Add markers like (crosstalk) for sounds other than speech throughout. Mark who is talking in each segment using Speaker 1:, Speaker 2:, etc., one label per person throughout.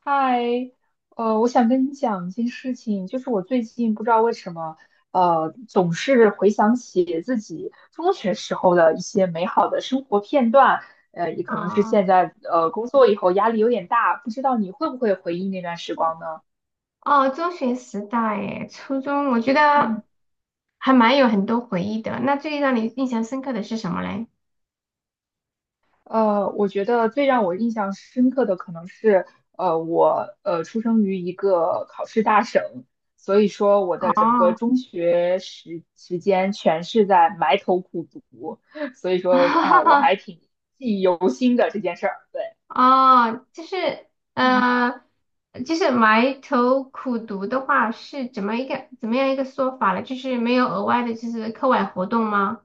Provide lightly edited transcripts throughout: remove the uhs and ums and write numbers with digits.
Speaker 1: 嗨，我想跟你讲一件事情，就是我最近不知道为什么，总是回想起自己中学时候的一些美好的生活片段，也可能是现
Speaker 2: 啊，
Speaker 1: 在工作以后压力有点大，不知道你会不会回忆那段时
Speaker 2: 哦，
Speaker 1: 光呢？
Speaker 2: 哦，中学时代，诶，初中，我觉
Speaker 1: 嗯。
Speaker 2: 得还蛮有很多回忆的。那最让你印象深刻的是什么嘞？
Speaker 1: 我觉得最让我印象深刻的可能是，我出生于一个考试大省，所以说我的整个
Speaker 2: 哦，
Speaker 1: 中学时间全是在埋头苦读，(laughs) 所以说啊，我
Speaker 2: (laughs)
Speaker 1: 还挺记忆犹新的这件事儿。对，
Speaker 2: 哦，就是，
Speaker 1: 嗯
Speaker 2: 呃，就是埋头苦读的话，是怎么样一个说法呢？就是没有额外的，就是课外活动吗？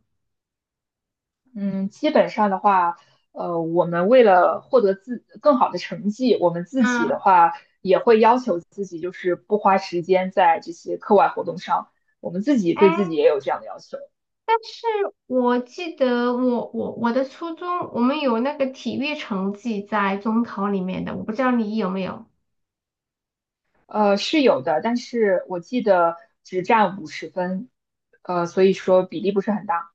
Speaker 1: 嗯，基本上的话，我们为了获得自更好的成绩，我们自己的
Speaker 2: 嗯，
Speaker 1: 话也会要求自己，就是不花时间在这些课外活动上，我们自己
Speaker 2: 哎，
Speaker 1: 对自己也有这样的要求。
Speaker 2: 但是我记得我的初中，我们有那个体育成绩在中考里面的，我不知道你有没有。
Speaker 1: 是有的，但是我记得只占50分，所以说比例不是很大。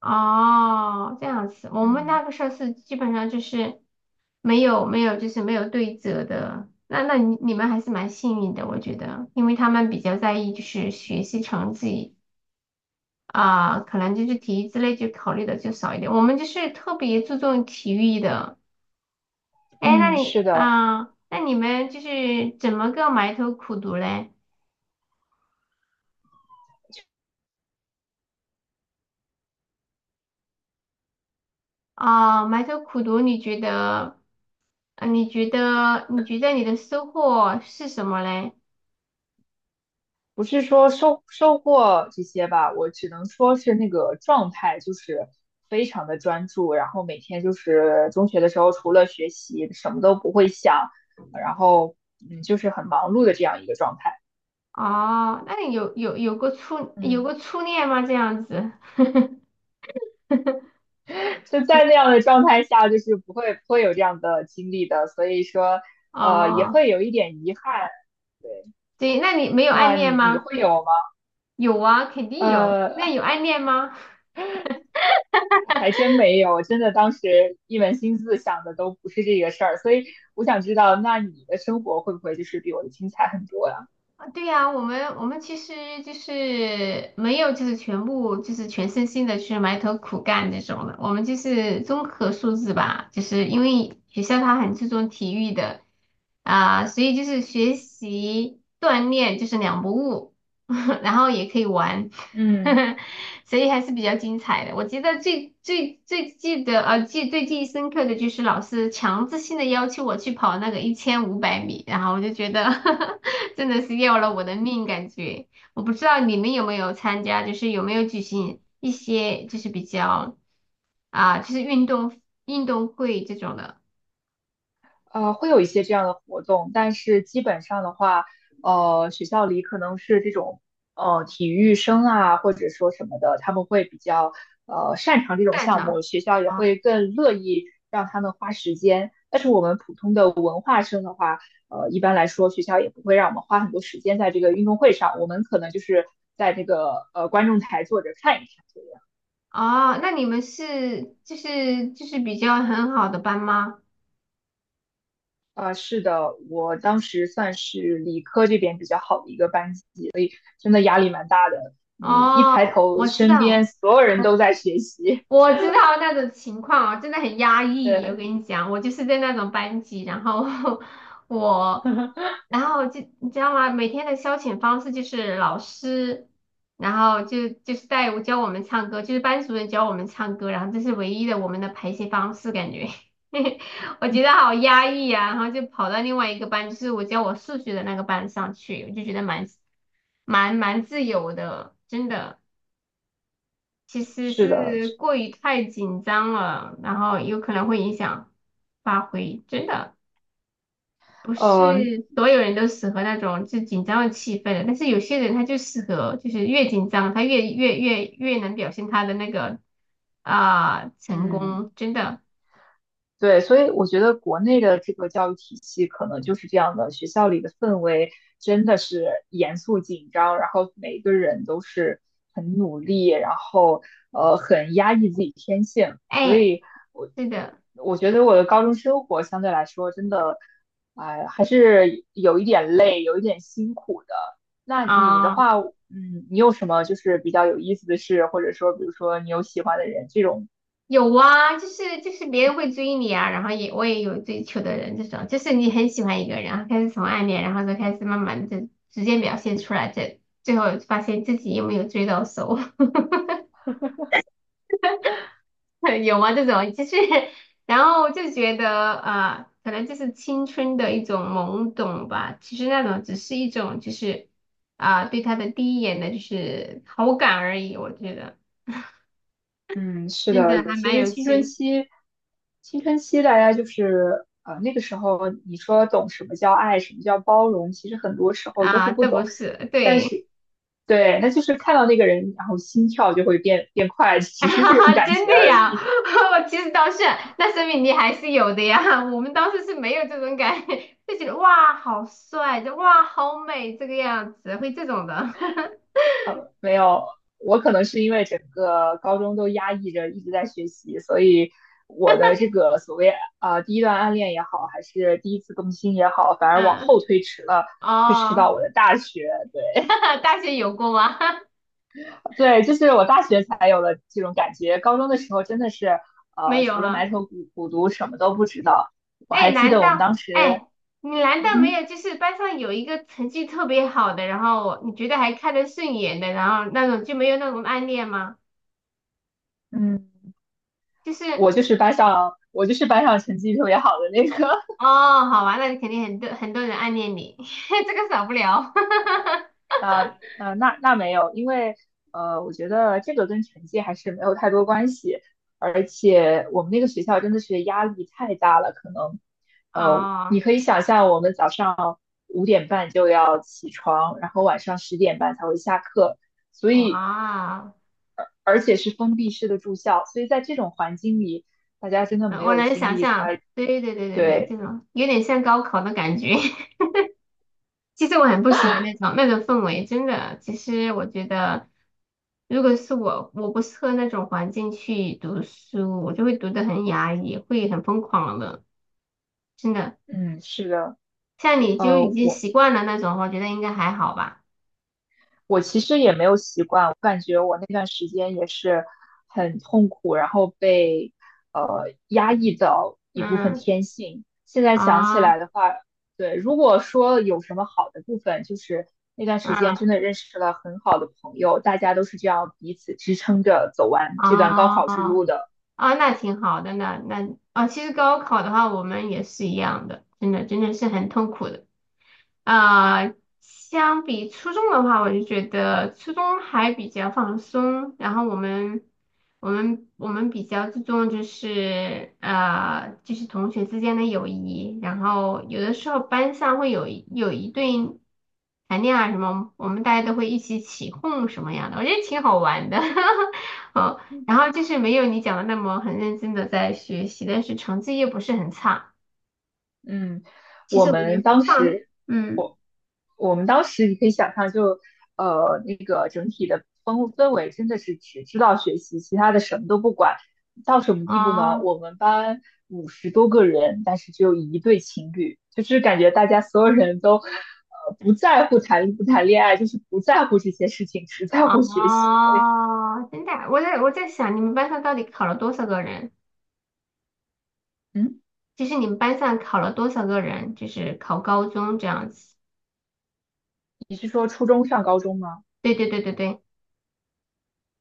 Speaker 2: 哦，这样子，我们
Speaker 1: 嗯
Speaker 2: 那个时候是基本上就是没有对折的，那你们还是蛮幸运的，我觉得，因为他们比较在意就是学习成绩啊，可能就是体育之类就考虑的就少一点，我们就是特别注重体育的。哎，
Speaker 1: 嗯，是的，
Speaker 2: 那你们就是怎么个埋头苦读嘞？啊，埋头苦读，你觉得，你觉得你的收获是什么嘞？
Speaker 1: 不是说收获这些吧，我只能说是那个状态就是非常的专注，然后每天就是中学的时候除了学习什么都不会想，然后就是很忙碌的这样一个状态。
Speaker 2: 哦，那你有
Speaker 1: 嗯
Speaker 2: 过初恋吗？这样子，
Speaker 1: 就在那样的状态下，就是不会有这样的经历的，所以说也
Speaker 2: 哦，
Speaker 1: 会有一点遗憾。对。
Speaker 2: 对，那你没有暗
Speaker 1: 那
Speaker 2: 恋
Speaker 1: 你
Speaker 2: 吗？
Speaker 1: 会有吗？
Speaker 2: 有啊，肯定有。那
Speaker 1: 呃，
Speaker 2: 有暗恋吗？
Speaker 1: 还真没有，真的当时一门心思想的都不是这个事儿，所以我想知道，那你的生活会不会就是比我的精彩很多呀？
Speaker 2: 啊对呀，我们其实就是没有，就是全部就是全身心的去埋头苦干这种的。我们就是综合素质吧，就是因为学校它很注重体育的啊，所以就是学习锻炼就是两不误，(laughs) 然后也可以玩。
Speaker 1: 嗯。
Speaker 2: (laughs) 所以还是比较精彩的。我觉得最记忆深刻的就是老师强制性的要求我去跑那个1500米，然后我就觉得 (laughs) 真的是要了我的命感觉。我不知道你们有没有参加，就是有没有举行一些就是比较就是运动会这种的
Speaker 1: 会有一些这样的活动，但是基本上的话，学校里可能是这种体育生啊，或者说什么的，他们会比较擅长这种
Speaker 2: 战
Speaker 1: 项目，
Speaker 2: 场
Speaker 1: 学校也
Speaker 2: 啊。
Speaker 1: 会更乐意让他们花时间。但是我们普通的文化生的话，一般来说学校也不会让我们花很多时间在这个运动会上，我们可能就是在这个观众台坐着看一看。
Speaker 2: 哦，那你们是就是比较很好的班吗？
Speaker 1: 啊，是的，我当时算是理科这边比较好的一个班级，所以真的压力蛮大的。你一抬
Speaker 2: 哦，
Speaker 1: 头，
Speaker 2: 我知
Speaker 1: 身
Speaker 2: 道。
Speaker 1: 边
Speaker 2: 我。
Speaker 1: 所有人都在学习。
Speaker 2: 我知道那种情况啊，真的很压抑。我
Speaker 1: 对，
Speaker 2: 跟你讲，我就是在那种班级，然后 (laughs) 我，
Speaker 1: (laughs)
Speaker 2: 然后就你知道吗？每天的消遣方式就是老师，然后就是带我教我们唱歌，就是班主任教我们唱歌，然后这是唯一的我们的排泄方式，感觉 (laughs) 我觉得好压抑啊。然后就跑到另外一个班，就是我教我数学的那个班上去，我就觉得蛮自由的，真的。其实
Speaker 1: 是的，
Speaker 2: 是过于太紧张了，然后有可能会影响发挥。真的不
Speaker 1: 呃，
Speaker 2: 是所有人都适合那种就紧张的气氛的，但是有些人他就适合，就是越紧张他越能表现他的那个啊、成
Speaker 1: 嗯。
Speaker 2: 功。真的，
Speaker 1: 对，所以我觉得国内的这个教育体系可能就是这样的，学校里的氛围真的是严肃紧张，然后每个人都是很努力，然后很压抑自己天性，所
Speaker 2: 哎，
Speaker 1: 以我
Speaker 2: 是的
Speaker 1: 我觉得我的高中生活相对来说真的，哎、还是有一点累，有一点辛苦。那你的
Speaker 2: 啊。
Speaker 1: 话，你有什么就是比较有意思的事，或者说比如说你有喜欢的人这种
Speaker 2: 有啊，就是就是别人会追你啊，然后也我也有追求的人，这种就是你很喜欢一个人，然后开始从暗恋，然后再开始慢慢的直接表现出来，这最后发现自己有没有追到手，(laughs) 有吗？这种就是，然后就觉得啊，可能就是青春的一种懵懂吧，其实那种只是一种就是啊、对他的第一眼的就是好感而已，我觉得
Speaker 1: 嗯，是
Speaker 2: 真的
Speaker 1: 的，
Speaker 2: 还
Speaker 1: 其
Speaker 2: 蛮
Speaker 1: 实
Speaker 2: 有
Speaker 1: 青春
Speaker 2: 趣
Speaker 1: 期，青春期大家就是那个时候，你说懂什么叫爱，什么叫包容，其实很多时候都是
Speaker 2: 啊，
Speaker 1: 不
Speaker 2: 都不
Speaker 1: 懂。
Speaker 2: 是
Speaker 1: 但
Speaker 2: 对。
Speaker 1: 是，对，那就是看到那个人，然后心跳就会变快，(laughs)
Speaker 2: (laughs) 哈
Speaker 1: 只是这种
Speaker 2: 哈，
Speaker 1: 感
Speaker 2: 真
Speaker 1: 觉
Speaker 2: 的
Speaker 1: 而
Speaker 2: 呀，
Speaker 1: 已。
Speaker 2: (laughs) 我其实倒是，那说明你还是有的呀。(laughs) 我们当时是没有这种感觉，(laughs) 就觉得哇好帅，就哇好美这个样子，会这种的。(laughs)
Speaker 1: 没有，我可能是因为整个高中都压抑着，一直在学习，所以我的这个所谓第一段暗恋也好，还是第一次动心也好，反而往后
Speaker 2: 嗯，
Speaker 1: 推迟了，推迟到
Speaker 2: 哦，
Speaker 1: 我的大学。对。
Speaker 2: (laughs) 大学有过吗？(laughs)
Speaker 1: 对，就是我大学才有了这种感觉，高中的时候真的是，
Speaker 2: 没有
Speaker 1: 除了埋
Speaker 2: 哈。
Speaker 1: 头苦读，什么都不知道。我
Speaker 2: 哎，
Speaker 1: 还记
Speaker 2: 难
Speaker 1: 得
Speaker 2: 道
Speaker 1: 我们当时，
Speaker 2: 哎，你难道没
Speaker 1: 嗯
Speaker 2: 有就是班上有一个成绩特别好的，然后你觉得还看得顺眼的，然后那种就没有那种暗恋吗？
Speaker 1: 嗯，
Speaker 2: 就是。
Speaker 1: 我就是班上成绩特别好的那个。
Speaker 2: 哦，好玩，那肯定很多人暗恋你，(laughs) 这个少不了。
Speaker 1: 那没有，因为我觉得这个跟成绩还是没有太多关系，而且我们那个学校真的是压力太大了，可能
Speaker 2: (laughs)
Speaker 1: 你
Speaker 2: 哦，
Speaker 1: 可以想象我们早上5点半就要起床，然后晚上10点半才会下课，所以
Speaker 2: 哇，
Speaker 1: 而且是封闭式的住校，所以在这种环境里，大家真的没
Speaker 2: 我
Speaker 1: 有
Speaker 2: 能
Speaker 1: 精
Speaker 2: 想
Speaker 1: 力
Speaker 2: 象，
Speaker 1: 才
Speaker 2: 对对对对对，这
Speaker 1: 对，
Speaker 2: 种有点像高考的感觉。(laughs) 其实我很不喜欢那种氛围，真的。其实我觉得，如果是我，我不适合那种环境去读书，我就会读得很压抑，会很疯狂的，真的。
Speaker 1: 嗯，是的。
Speaker 2: 像你就已
Speaker 1: 呃，
Speaker 2: 经
Speaker 1: 我
Speaker 2: 习惯了那种，我觉得应该还好吧。
Speaker 1: 我其实也没有习惯，我感觉我那段时间也是很痛苦，然后被压抑到一部分
Speaker 2: 嗯，
Speaker 1: 天性。现在想起
Speaker 2: 啊，
Speaker 1: 来的话，对，如果说有什么好的部分，就是那段时间
Speaker 2: 嗯，
Speaker 1: 真的认识了很好的朋友，大家都是这样彼此支撑着走完这段高
Speaker 2: 啊。
Speaker 1: 考之路的。
Speaker 2: 啊，那挺好的，那那啊，其实高考的话，我们也是一样的，真的是很痛苦的。啊、相比初中的话，我就觉得初中还比较放松，然后我们比较注重就是就是同学之间的友谊，然后有的时候班上会有一对谈恋爱什么，我们大家都会一起起哄什么样的，我觉得挺好玩的，(laughs) 哦，然后就是没有你讲的那么很认真的在学习，但是成绩又不是很差，
Speaker 1: 嗯，
Speaker 2: 其
Speaker 1: 我
Speaker 2: 实我觉
Speaker 1: 们
Speaker 2: 得
Speaker 1: 当
Speaker 2: 放
Speaker 1: 时，
Speaker 2: 嗯。
Speaker 1: 我我们当时你可以想象就，那个整体的氛围真的是只知道学习，其他的什么都不管。到什么地步呢？
Speaker 2: 哦，
Speaker 1: 我们班50多个人，但是只有一对情侣，就是感觉大家所有人都不在乎谈不谈恋爱，就是不在乎这些事情，只在乎学习。所以，
Speaker 2: 哦，真的啊，我在想，你们班上到底考了多少个人？
Speaker 1: 嗯，
Speaker 2: 就是你们班上考了多少个人？就是考高中这样子。
Speaker 1: 你是说初中上高中吗？
Speaker 2: 对对对对对。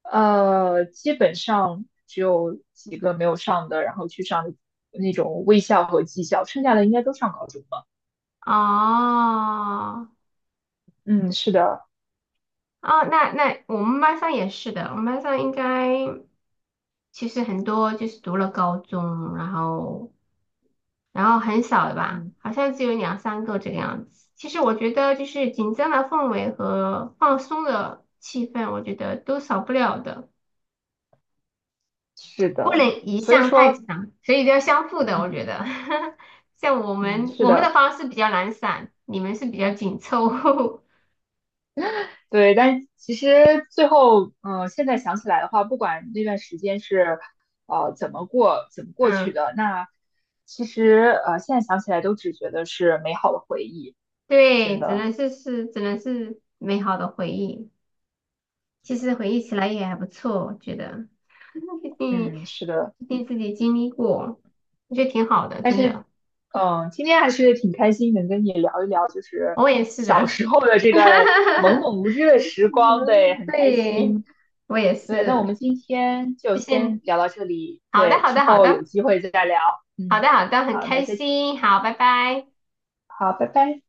Speaker 1: 基本上只有几个没有上的，然后去上那种卫校和技校，剩下的应该都上高中了。
Speaker 2: 哦，
Speaker 1: 嗯，是的，
Speaker 2: 哦，那我们班上也是的，我们班上应该其实很多就是读了高中，然后然后很少的吧，
Speaker 1: 嗯，
Speaker 2: 好像只有2、3个这个样子。其实我觉得就是紧张的氛围和放松的气氛，我觉得都少不了的。
Speaker 1: 是
Speaker 2: 不
Speaker 1: 的，
Speaker 2: 能一
Speaker 1: 所以
Speaker 2: 项太
Speaker 1: 说，
Speaker 2: 强，所以都要相互的，我觉
Speaker 1: 嗯
Speaker 2: 得。(laughs) 像我
Speaker 1: 嗯，
Speaker 2: 们
Speaker 1: 是
Speaker 2: 我们的
Speaker 1: 的，
Speaker 2: 方式比较懒散，你们是比较紧凑。(laughs)
Speaker 1: 对。但其实最后，现在想起来的话，不管那段时间是怎么过去
Speaker 2: 嗯，
Speaker 1: 的，那其实现在想起来都只觉得是美好的回忆，真
Speaker 2: 对，只
Speaker 1: 的。
Speaker 2: 能是只能是美好的回忆。其实回忆起来也还不错，我觉得，(laughs) 毕竟
Speaker 1: 嗯，是的。
Speaker 2: 毕竟自己经历过，我觉得挺好的，
Speaker 1: 但
Speaker 2: 真
Speaker 1: 是，
Speaker 2: 的。
Speaker 1: 今天还是挺开心，能跟你聊一聊，就是
Speaker 2: 我也是
Speaker 1: 小
Speaker 2: 的。
Speaker 1: 时候的这段懵
Speaker 2: (laughs)
Speaker 1: 懂无知的时光，对，
Speaker 2: 嗯，
Speaker 1: 很开
Speaker 2: 对，
Speaker 1: 心。
Speaker 2: 我也
Speaker 1: 对，那我
Speaker 2: 是。
Speaker 1: 们今天就
Speaker 2: 谢谢
Speaker 1: 先
Speaker 2: 你。
Speaker 1: 聊到这里，
Speaker 2: 好的，
Speaker 1: 对，
Speaker 2: 好
Speaker 1: 之
Speaker 2: 的，好
Speaker 1: 后有
Speaker 2: 的，
Speaker 1: 机会再聊。
Speaker 2: 好的，
Speaker 1: 嗯，
Speaker 2: 好的，很
Speaker 1: 好，
Speaker 2: 开心。好，拜拜。
Speaker 1: 好，拜拜。